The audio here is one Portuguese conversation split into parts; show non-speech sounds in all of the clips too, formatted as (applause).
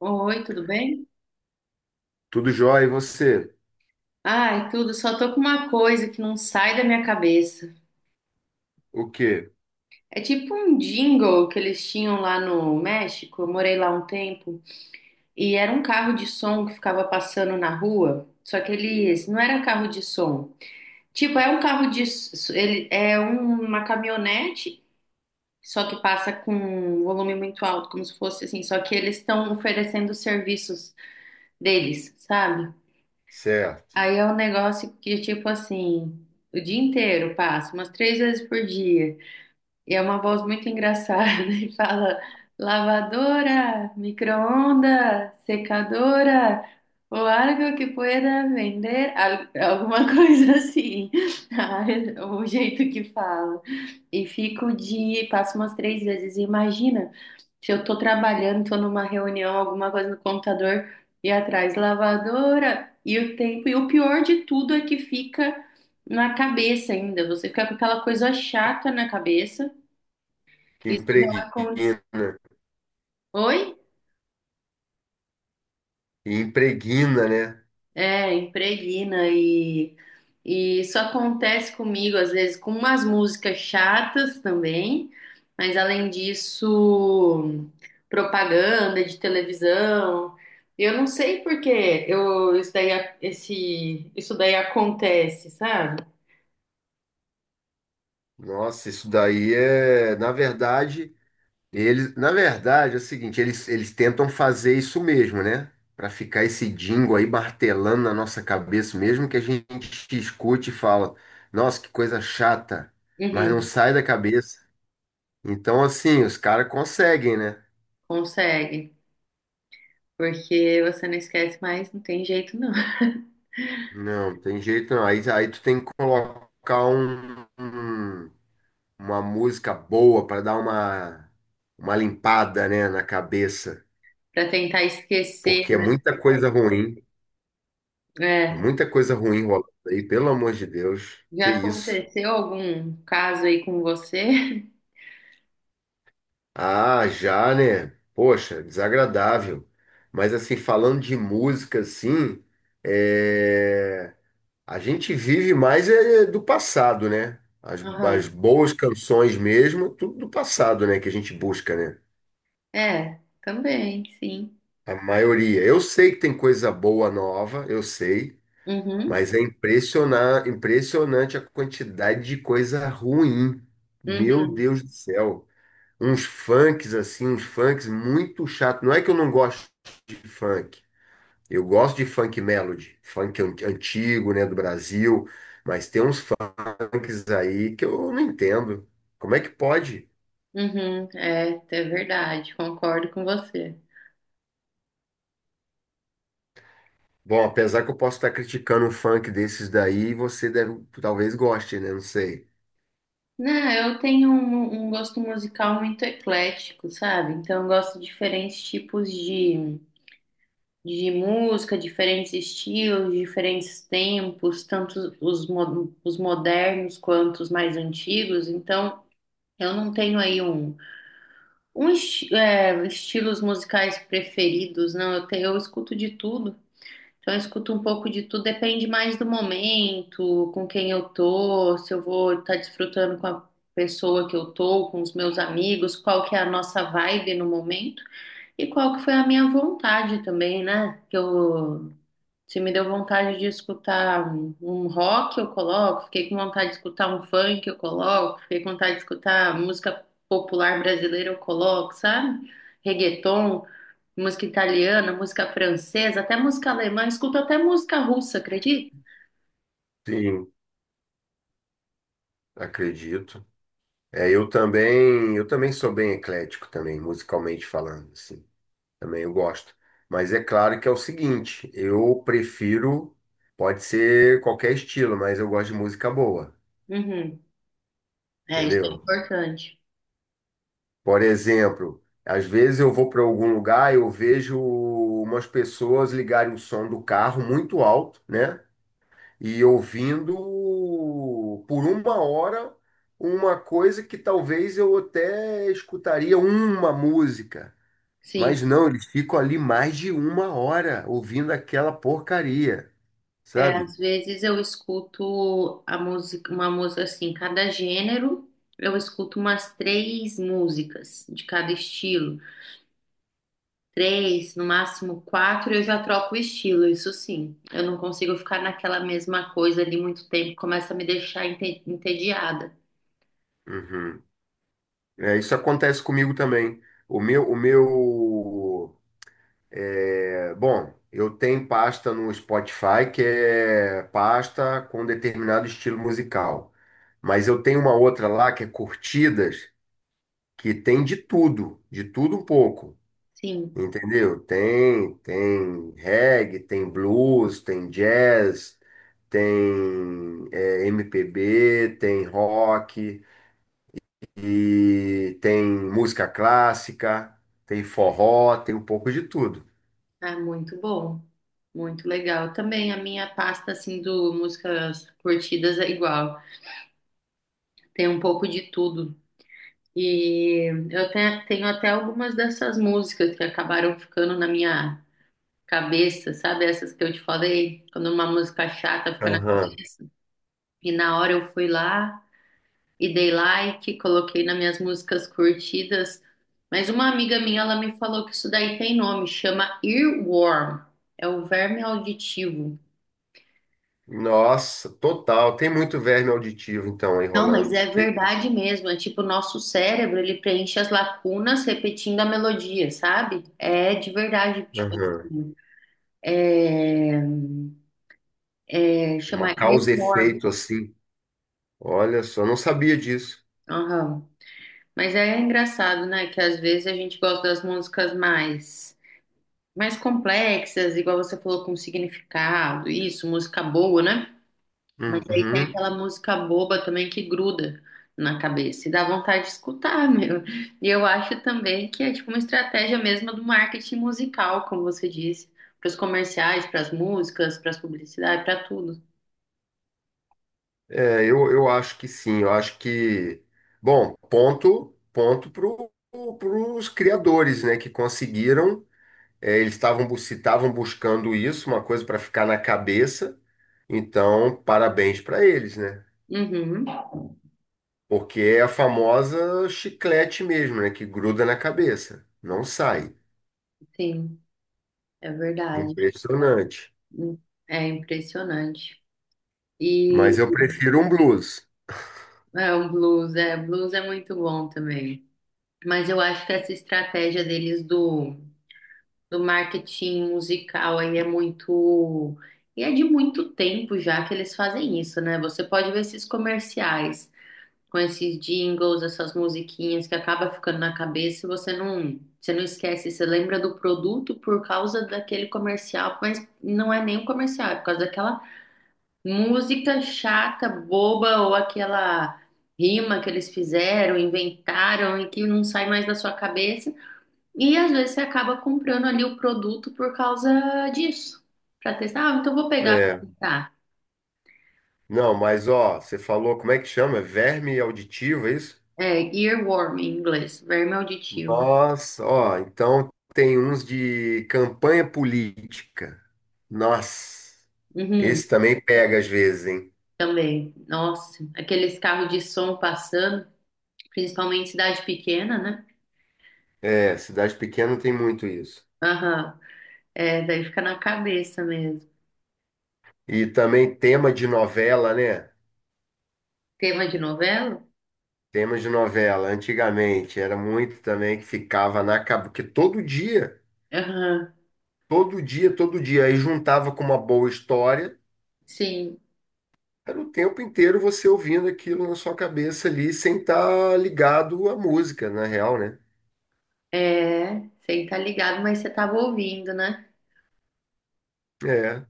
Oi, tudo bem? Tudo jóia, e você? Ai, tudo, só tô com uma coisa que não sai da minha cabeça. O quê? É tipo um jingle que eles tinham lá no México, eu morei lá um tempo, e era um carro de som que ficava passando na rua, só que eles não era carro de som. Tipo, é um carro de s- ele é um- uma caminhonete, só que passa com um volume muito alto, como se fosse assim, só que eles estão oferecendo os serviços deles, sabe? Certo. Aí é um negócio que, tipo assim, o dia inteiro passa, umas três vezes por dia. E é uma voz muito engraçada (laughs) e fala: lavadora, micro-onda, secadora, o algo que pueda vender, alguma (laughs) coisa assim. (laughs) O jeito que fala. E fico de, passo umas três vezes. Imagina. Se eu tô trabalhando, tô numa reunião, alguma coisa no computador e atrás lavadora e o tempo. E o pior de tudo é que fica na cabeça ainda. Você fica com aquela coisa chata na cabeça. Que Isso já impregna. aconteceu. Oi? E impregna, né? É, impregna e isso acontece comigo às vezes com umas músicas chatas também, mas além disso, propaganda de televisão. Eu não sei por que eu, isso daí, esse, isso daí acontece, sabe? Nossa, isso daí é, na verdade, é o seguinte, eles tentam fazer isso mesmo, né? Para ficar esse dingo aí martelando na nossa cabeça, mesmo que a gente escute e fala, nossa, que coisa chata, mas não Uhum, sai da cabeça. Então, assim, os caras conseguem, né? consegue, porque você não esquece mais, não tem jeito não. (laughs) Não, tem jeito não. Aí tu tem que colocar um uma música boa para dar uma limpada, né, na cabeça, Pra tentar esquecer, porque é muita coisa ruim, é é, muita coisa ruim rolando aí, pelo amor de Deus, que já isso. aconteceu algum caso aí com você? Ah, já, né? Poxa, desagradável. Mas assim, falando de música, assim, é, a gente vive mais é, do passado, né? As Aham. boas canções mesmo, tudo do passado, né? Que a gente busca, né? É, também, sim. A maioria. Eu sei que tem coisa boa nova, eu sei. Uhum, Mas é impressionante a quantidade de coisa ruim. Meu uhum, Deus do céu. Uns funks assim, uns funks muito chato. Não é que eu não gosto de funk. Eu gosto de funk melody, antigo, né, do Brasil, mas tem uns funks aí que eu não entendo. Como é que pode? uhum. É, é verdade, concordo com você. Bom, apesar que eu posso estar criticando um funk desses daí, você deve, talvez goste, né? Não sei. Não, eu tenho um gosto musical muito eclético, sabe? Então, eu gosto de diferentes tipos de música, diferentes estilos, diferentes tempos, tanto os modernos quanto os mais antigos. Então, eu não tenho aí um, estilos musicais preferidos, não. Eu escuto de tudo. Então, eu escuto um pouco de tudo, depende mais do momento, com quem eu tô, se eu vou estar desfrutando com a pessoa que eu tô, com os meus amigos, qual que é a nossa vibe no momento e qual que foi a minha vontade também, né? Que eu se me deu vontade de escutar um rock, eu coloco. Fiquei com vontade de escutar um funk, eu coloco. Fiquei com vontade de escutar música popular brasileira, eu coloco, sabe? Reggaeton, música italiana, música francesa, até música alemã. Escuto até música russa, acredita? Sim, acredito. É, eu também sou bem eclético também, musicalmente falando, assim. Também eu gosto. Mas é claro que é o seguinte, eu prefiro, pode ser qualquer estilo, mas eu gosto de música boa, Uhum. É, isso é entendeu? importante. Por exemplo, às vezes eu vou para algum lugar, eu vejo umas pessoas ligarem o som do carro muito alto, né? E ouvindo por uma hora uma coisa que talvez eu até escutaria uma música. Sim. Mas não, eles ficam ali mais de uma hora ouvindo aquela porcaria, É, sabe? às vezes eu escuto a música, uma música assim, cada gênero, eu escuto umas três músicas de cada estilo. Três, no máximo quatro, eu já troco o estilo, isso sim. Eu não consigo ficar naquela mesma coisa ali muito tempo, começa a me deixar entediada. Uhum. É, isso acontece comigo também. O meu, o meu, é, bom, eu tenho pasta no Spotify que é pasta com determinado estilo musical, mas eu tenho uma outra lá que é curtidas, que tem de tudo um pouco. Sim, Entendeu? Tem reggae, tem blues, tem jazz, tem é, MPB, tem rock, e tem música clássica, tem forró, tem um pouco de tudo. é muito bom, muito legal. Também a minha pasta, assim, do músicas curtidas é igual, tem um pouco de tudo. E eu até, tenho até algumas dessas músicas que acabaram ficando na minha cabeça, sabe? Essas que eu te falei, quando uma música chata fica na Aham. cabeça. E na hora eu fui lá. E dei like, coloquei nas minhas músicas curtidas. Mas uma amiga minha, ela me falou que isso daí tem nome, chama earworm, é o verme auditivo. Nossa, total. Tem muito verme auditivo, então, aí Não, mas rolando. é Que- verdade mesmo, é tipo o nosso cérebro, ele preenche as lacunas repetindo a melodia, sabe? É de verdade, tipo Aham. assim, é, Uma chama causa e earworm. efeito, assim. Olha só, não sabia disso. Aham. Mas é engraçado, né, que às vezes a gente gosta das músicas mais complexas, igual você falou, com significado, isso, música boa, né? Mas aí tem Uhum. aquela música boba também que gruda na cabeça e dá vontade de escutar, (laughs) meu. E eu acho também que é tipo uma estratégia mesmo do marketing musical, como você disse, para os comerciais, para as músicas, para as publicidades, para tudo. É, eu acho que sim. Eu acho que... Bom, ponto para os criadores, né, que conseguiram. É, se estavam buscando isso, uma coisa para ficar na cabeça. Então, parabéns para eles, né? Uhum, Porque é a famosa chiclete mesmo, né? Que gruda na cabeça, não sai. sim, é verdade. Impressionante. É impressionante. E Mas eu prefiro um blues. é um blues é muito bom também. Mas eu acho que essa estratégia deles do marketing musical aí é muito. E é de muito tempo já que eles fazem isso, né? Você pode ver esses comerciais com esses jingles, essas musiquinhas que acaba ficando na cabeça e você não esquece, você lembra do produto por causa daquele comercial, mas não é nem um comercial, é por causa daquela música chata, boba ou aquela rima que eles fizeram, inventaram e que não sai mais da sua cabeça. E às vezes você acaba comprando ali o produto por causa disso, para testar. Ah, então vou pegar para É. testar. Não, mas ó, você falou como é que chama? Verme auditivo, é isso? É, earworm em inglês, verme auditivo. Nossa, ó, então tem uns de campanha política. Nossa, Uhum, esse também pega às vezes, hein? também. Nossa, aqueles carros de som passando, principalmente em cidade pequena, né? É, cidade pequena tem muito isso. Aham. É, daí fica na cabeça mesmo. E também tema de novela, né? Tema de novela? Tema de novela, antigamente era muito também que ficava na cabeça, porque todo dia, Aham. todo dia, todo dia, aí juntava com uma boa história, Sim. era o tempo inteiro você ouvindo aquilo na sua cabeça ali, sem estar ligado à música, na real, né? É, você tá ligado, mas você tava ouvindo, né? É.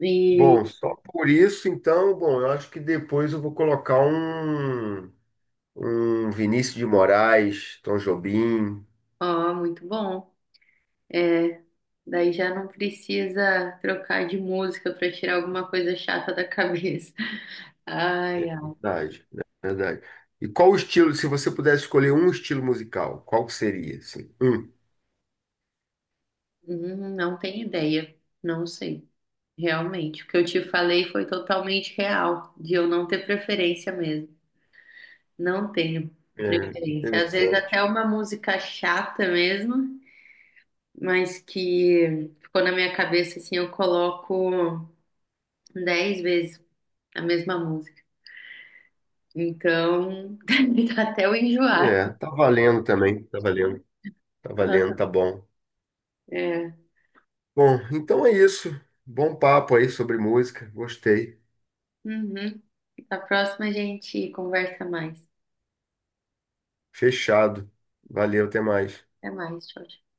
E, Bom, só por isso, então, bom, eu acho que depois eu vou colocar um, um Vinícius de Moraes, Tom Jobim. ó, muito bom. É. Daí já não precisa trocar de música para tirar alguma coisa chata da cabeça. (laughs) Ai, ai. Verdade, verdade. E qual o estilo, se você pudesse escolher um estilo musical, qual que seria, assim? Um. Não tenho ideia. Não sei. Realmente, o que eu te falei foi totalmente real, de eu não ter preferência mesmo. Não tenho É, preferência. Às vezes até interessante. uma música chata mesmo, mas que ficou na minha cabeça assim, eu coloco 10 vezes a mesma música. Então, (laughs) até eu enjoar. É, tá valendo também, tá valendo, tá valendo, tá Aham. bom. É. Bom, então é isso. Bom papo aí sobre música, gostei. Uhum. A próxima a gente conversa mais. Fechado. Valeu, até mais. Até mais. Tchau, tchau.